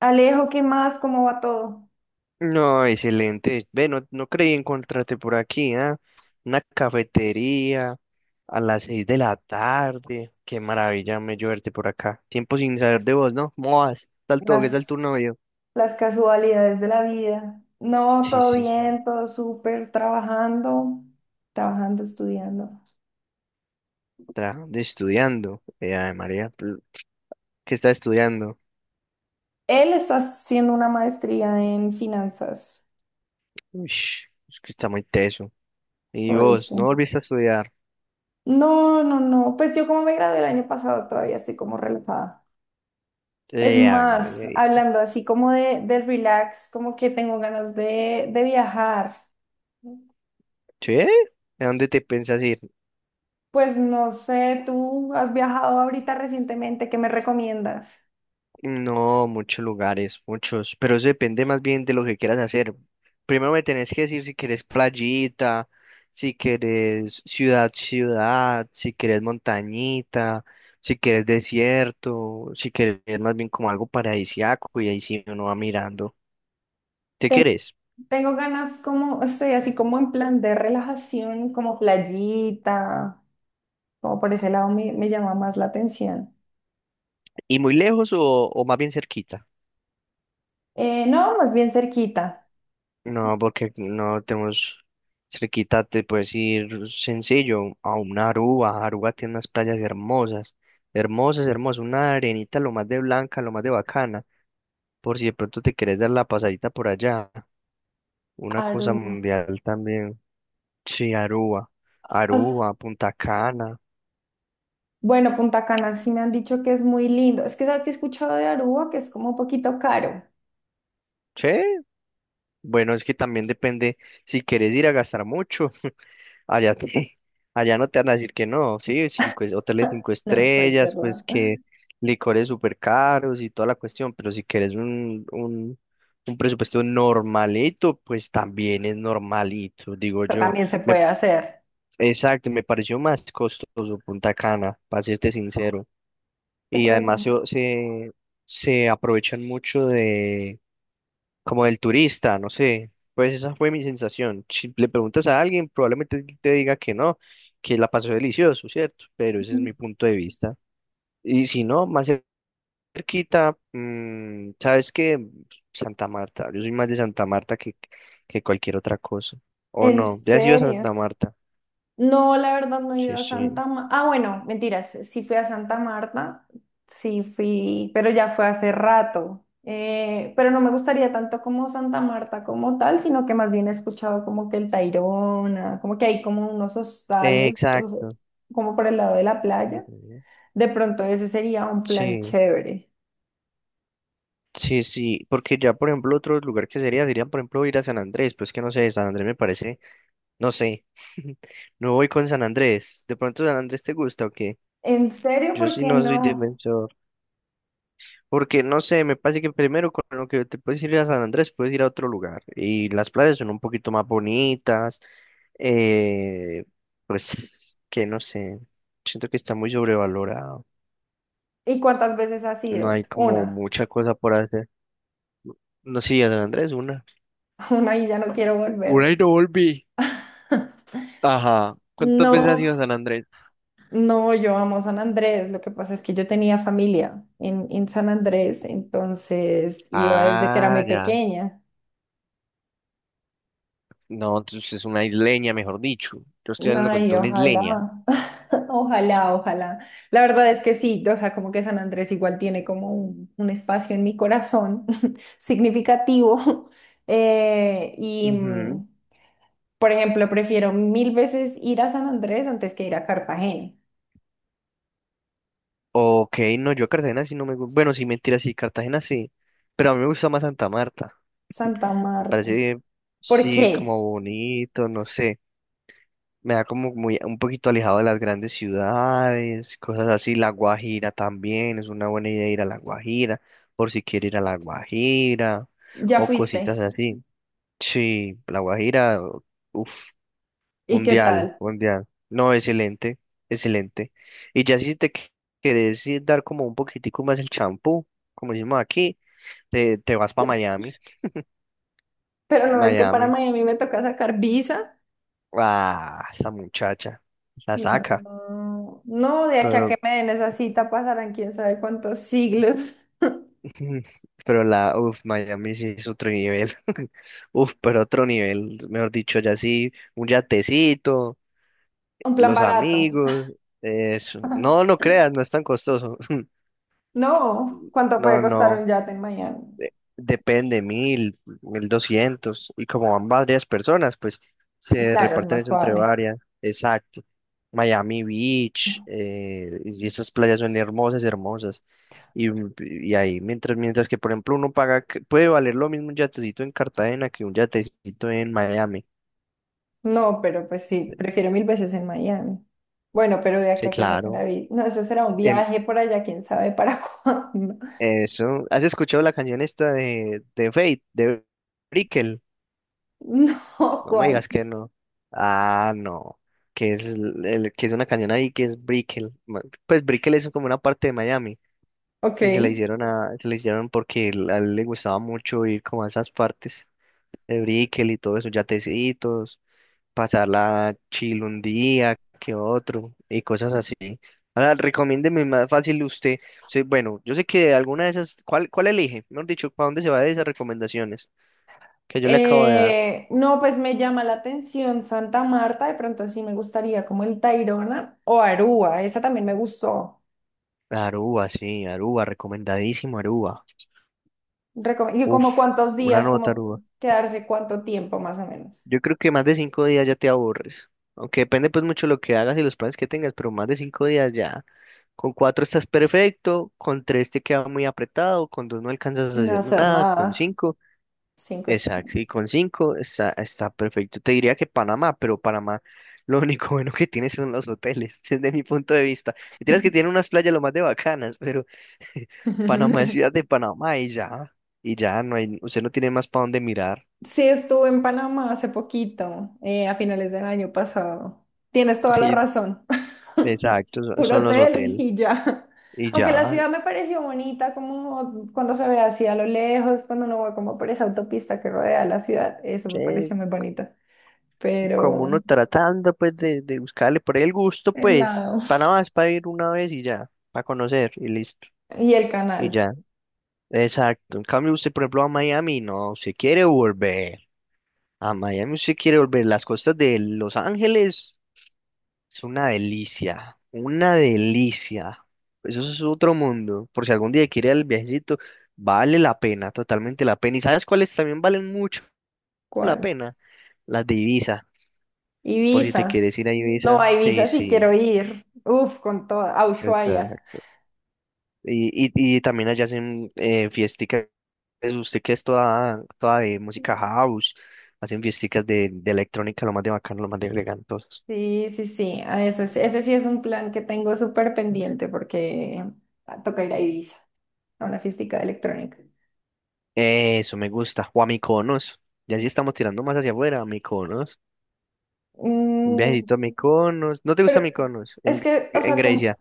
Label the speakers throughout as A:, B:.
A: Alejo, ¿qué más? ¿Cómo va todo?
B: No, excelente. Ve, no, no creí encontrarte por aquí, ¿ah? Una cafetería a las 6 de la tarde. Qué maravilla me yo verte por acá. Tiempo sin saber de vos, ¿no? ¿Cómo vas? ¿Qué tal todo? ¿Qué tal
A: Las,
B: tu novio?
A: las casualidades de la vida. No,
B: Sí,
A: todo
B: sí, sí.
A: bien, todo súper, trabajando, estudiando.
B: Trabajando, y estudiando. Ay, María, ¿qué está estudiando?
A: Él está haciendo una maestría en finanzas,
B: Ush, es que está muy teso. ¿Y vos?
A: ¿oíste?
B: ¿No volviste a estudiar?
A: No, no, no. Pues yo como me gradué el año pasado, todavía estoy como relajada. Es
B: Ave María.
A: más, hablando así como del relax, como que tengo ganas de viajar.
B: ¿Sí? ¿A dónde te pensás ir?
A: Pues no sé, ¿tú has viajado ahorita recientemente? ¿Qué me recomiendas?
B: No, muchos lugares, muchos, pero eso depende más bien de lo que quieras hacer. Primero me tenés que decir si querés playita, si querés ciudad, ciudad, si querés montañita, si querés desierto, si querés más bien como algo paradisíaco y ahí sí uno va mirando. ¿Te
A: Ten-
B: querés?
A: Tengo ganas como, estoy así como en plan de relajación, como playita, como por ese lado me llama más la atención.
B: ¿Y muy lejos o más bien cerquita?
A: No, más bien cerquita.
B: No, porque no tenemos cerquita, te puedes ir sencillo a una Aruba. Aruba tiene unas playas hermosas, hermosas, hermosas. Una arenita lo más de blanca, lo más de bacana. Por si de pronto te quieres dar la pasadita por allá. Una cosa
A: Aruba.
B: mundial también. Sí, Aruba.
A: O sea,
B: Aruba, Punta Cana.
A: bueno, Punta Cana sí me han dicho que es muy lindo. Es que sabes que he escuchado de Aruba que es como un poquito caro.
B: Sí, bueno, es que también depende si quieres ir a gastar mucho. Allá, allá no te van a decir que no, sí, hoteles cinco
A: No, cualquier
B: estrellas, pues
A: lado.
B: que licores súper caros y toda la cuestión, pero si quieres un presupuesto normalito, pues también es normalito, digo
A: Pero
B: yo.
A: también se
B: Me,
A: puede hacer.
B: exacto, me pareció más costoso Punta Cana, para serte sincero.
A: ¿Te
B: Y
A: parece?
B: además se,
A: Ujú.
B: se, se aprovechan mucho de como del turista, no sé. Pues esa fue mi sensación. Si le preguntas a alguien, probablemente te diga que no, que la pasó delicioso, ¿cierto? Pero ese es mi punto de vista. Y si no, más cerquita, ¿sabes qué? Santa Marta. Yo soy más de Santa Marta que cualquier otra cosa. ¿O
A: ¿En
B: no? ¿Ya has ido a
A: serio?
B: Santa Marta?
A: No, la verdad no he
B: Sí,
A: ido a
B: sí.
A: Santa Marta. Ah, bueno, mentiras, sí fui a Santa Marta, sí fui, pero ya fue hace rato. Pero no me gustaría tanto como Santa Marta como tal, sino que más bien he escuchado como que el Tayrona, como que hay como unos
B: Eh,
A: hostales,
B: exacto.
A: como por el lado de la playa.
B: Ujú.
A: De pronto ese sería un plan
B: Sí.
A: chévere.
B: Sí, sí, porque ya, por ejemplo, otro lugar que sería, serían, por ejemplo, ir a San Andrés, pues que no sé, San Andrés me parece, no sé, no voy con San Andrés, de pronto San Andrés te gusta o qué,
A: ¿En serio?
B: yo
A: ¿Por
B: sí
A: qué
B: no soy
A: no?
B: defensor, porque no sé, me parece que primero con lo que te puedes ir a San Andrés, puedes ir a otro lugar, y las playas son un poquito más bonitas, eh, pues que no sé, siento que está muy sobrevalorado,
A: ¿Y cuántas veces has
B: no hay
A: ido?
B: como
A: Una.
B: mucha cosa por hacer, no sí, a San Andrés una.
A: Una y ya no quiero
B: Una
A: volver.
B: y no volví. Ajá. ¿Cuántas veces has
A: No.
B: ido a San Andrés?
A: No, yo amo San Andrés. Lo que pasa es que yo tenía familia en San Andrés, entonces iba desde que era muy
B: Ah, ya.
A: pequeña.
B: No, entonces es una isleña, mejor dicho. Yo estoy hablando con
A: Ay,
B: toda una
A: ojalá,
B: isleña.
A: ojalá, ojalá. La verdad es que sí, o sea, como que San Andrés igual tiene como un espacio en mi corazón significativo. Y,
B: Ujú.
A: mm, por ejemplo, prefiero mil veces ir a San Andrés antes que ir a Cartagena,
B: Ok, no, yo a Cartagena sí no me gusta. Bueno, sí, mentira, sí, Cartagena sí. Pero a mí me gusta más Santa Marta.
A: Santa
B: Me
A: Marta.
B: parece,
A: ¿Por
B: sí,
A: qué?
B: como bonito, no sé. Me da como muy, un poquito alejado de las grandes ciudades, cosas así. La Guajira también, es una buena idea ir a La Guajira, por si quiere ir a La Guajira,
A: ¿Ya
B: o
A: fuiste?
B: cositas así. Sí, La Guajira, uff,
A: ¿Y qué
B: mundial,
A: tal?
B: mundial. No, excelente, excelente. Y ya si te querés ir dar como un poquitico más el champú, como decimos aquí, te vas para Miami.
A: Pero no es que para
B: Miami,
A: Miami me toca sacar visa.
B: ah, esa muchacha, la saca,
A: No, no, de aquí a que
B: pero,
A: me den esa cita pasarán quién sabe cuántos siglos.
B: pero la, uff, Miami sí es otro nivel. Uf, pero otro nivel, mejor dicho, ya sí, un yatecito,
A: Un plan
B: los
A: barato.
B: amigos, eso. No, no creas, no es tan costoso.
A: No, ¿cuánto puede
B: No,
A: costar
B: no,
A: un yate en Miami?
B: depende, mil, 1.200. Y como van varias personas, pues se
A: Claro, es
B: reparten
A: más
B: eso entre
A: suave.
B: varias. Exacto. Miami Beach, y esas playas son hermosas, hermosas. Y, y ahí, mientras que, por ejemplo, uno paga, puede valer lo mismo un yatecito en Cartagena que un yatecito en Miami.
A: No, pero pues sí, prefiero mil veces en Miami. Bueno, pero de aquí
B: Sí,
A: a que sacar la
B: claro.
A: visa. No, eso será un
B: Em,
A: viaje por allá, quién sabe para cuándo.
B: eso. ¿Has escuchado la canción esta de Fate, de Brickell?
A: No,
B: No me
A: ¿cuál?
B: digas que no. Ah, no. Que es una cañón ahí que es Brickell. Pues Brickell es como una parte de Miami.
A: Ok.
B: Y se la hicieron se la hicieron porque a él le gustaba mucho ir como a esas partes de Brickell y todo eso, yatecitos, pasarla chill un día que otro y cosas así. Ahora, recomiéndeme más fácil usted. Sí, bueno, yo sé que alguna de esas, ¿cuál elige? Mejor dicho, ¿para dónde se va de esas recomendaciones que yo le acabo de dar?
A: No, pues me llama la atención Santa Marta, de pronto sí me gustaría como el Tayrona o Aruba, esa también me gustó.
B: Aruba, sí, Aruba, recomendadísimo Aruba.
A: Y
B: Uf,
A: como cuántos
B: una
A: días,
B: nota
A: como
B: Aruba.
A: quedarse cuánto tiempo más o menos.
B: Yo creo que más de 5 días ya te aburres. Aunque depende pues mucho lo que hagas y los planes que tengas, pero más de 5 días ya. Con cuatro estás perfecto, con tres te queda muy apretado, con dos no alcanzas a
A: No
B: hacer
A: hacer
B: nada, con
A: nada,
B: cinco.
A: cinco
B: Exacto,
A: semanas.
B: y con cinco está perfecto. Te diría que Panamá, pero Panamá lo único bueno que tiene son los hoteles, desde mi punto de vista. Mentiras que tiene unas playas lo más de bacanas, pero Panamá es ciudad de Panamá y ya no hay, usted no tiene más para dónde mirar.
A: Sí, estuve en Panamá hace poquito, a finales del año pasado. Tienes toda la
B: Y-
A: razón.
B: exacto,
A: Puro
B: son los
A: hotel
B: hoteles
A: y ya.
B: y
A: Aunque la
B: ya,
A: ciudad me pareció bonita, como cuando se ve así a lo lejos, cuando uno va como por esa autopista que rodea la ciudad, eso me
B: que
A: pareció muy bonito.
B: como
A: Pero
B: uno tratando pues de buscarle por ahí el gusto,
A: el
B: pues
A: lado
B: Panamá es para ir una vez y ya, para conocer y listo.
A: y el
B: Y
A: canal,
B: ya. Exacto. En cambio, usted, por ejemplo, a Miami, no, se quiere volver. A Miami usted quiere volver. Las costas de Los Ángeles es una delicia, una delicia. Eso es otro mundo. Por si algún día quiere ir al viajecito, vale la pena, totalmente la pena. ¿Y sabes cuáles también valen mucho la
A: ¿cuál?
B: pena? Las de Ibiza. Por si te
A: Ibiza.
B: quieres ir a
A: No,
B: Ibiza.
A: a
B: Sí,
A: Ibiza sí
B: sí,
A: quiero ir, uf, con toda, a Ushuaia.
B: exacto. Y también allá hacen fiesticas, usted que es toda, toda de música house, hacen fiesticas de electrónica, lo más de bacano, lo más de elegantosos.
A: Sí, sí, sí, a ese, ese sí es un plan que tengo súper pendiente porque ah, toca ir a Ibiza, a una fiestica de electrónica.
B: Eso me gusta. O a Mykonos. Ya sí estamos tirando más hacia afuera, a Mykonos. Un
A: Mm,
B: viajecito a Mykonos. ¿No te gusta Mykonos?
A: es
B: En,
A: que, o
B: en
A: sea, como
B: Grecia.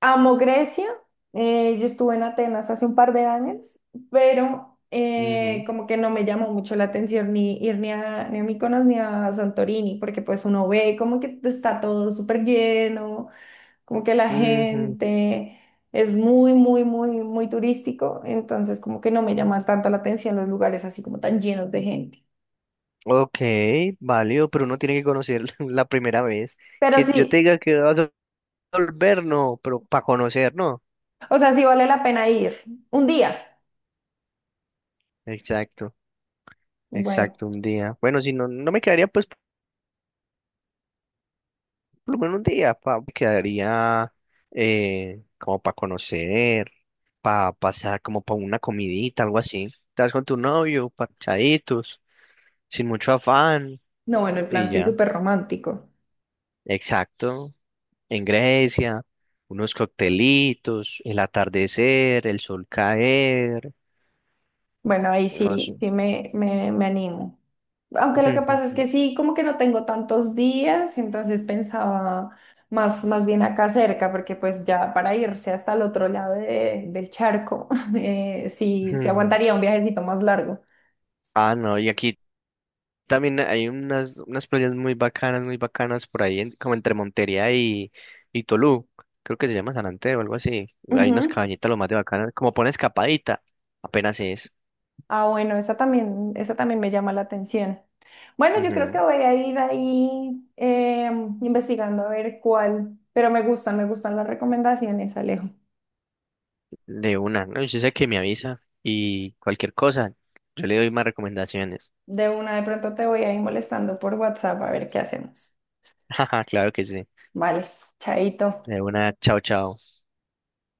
A: amo Grecia. Yo estuve en Atenas hace un par de años, pero
B: Ujú,
A: como que no me llamó mucho la atención ni ir ni a Mykonos ni a Santorini, porque pues uno ve como que está todo súper lleno, como que la
B: ujú.
A: gente es muy, muy, muy, muy turístico, entonces como que no me llama tanto la atención los lugares así como tan llenos de gente.
B: Ok, válido, pero uno tiene que conocer la primera vez.
A: Pero
B: Que yo te
A: sí,
B: diga que vas a volver, no, pero para conocer, no.
A: o sea, sí vale la pena ir un día.
B: Exacto.
A: Bueno,
B: Exacto, un día. Bueno, si no, no me quedaría pues por lo menos un día, me quedaría como para conocer, para pasar como para una comidita, algo así. Estás con tu novio, parchaditos, sin mucho afán
A: no, bueno, el
B: y
A: plan sí
B: ya.
A: súper romántico.
B: Exacto, en Grecia, unos coctelitos, el atardecer, el sol caer,
A: Bueno, ahí
B: no sé.
A: sí, sí me animo. Aunque lo que pasa es que sí, como que no tengo tantos días, entonces pensaba más, más bien acá cerca, porque pues ya para irse hasta el otro lado del charco, sí, sí aguantaría un viajecito más largo.
B: Ah, no, y aquí también hay unas playas muy bacanas por ahí, como entre Montería y Tolú. Creo que se llama San Andrés o algo así. Hay unas
A: Ujú.
B: cabañitas lo más de bacanas. Como pone escapadita, apenas es.
A: Ah, bueno, esa también me llama la atención. Bueno, yo creo que
B: Ujú.
A: voy a ir ahí investigando a ver cuál, pero me gustan las recomendaciones, Alejo.
B: De una, ¿no? Yo sé que me avisa y cualquier cosa, yo le doy más recomendaciones.
A: De una, de pronto te voy a ir molestando por WhatsApp a ver qué hacemos.
B: Jaja, claro que sí.
A: Vale, chaito.
B: De una, chao, chao.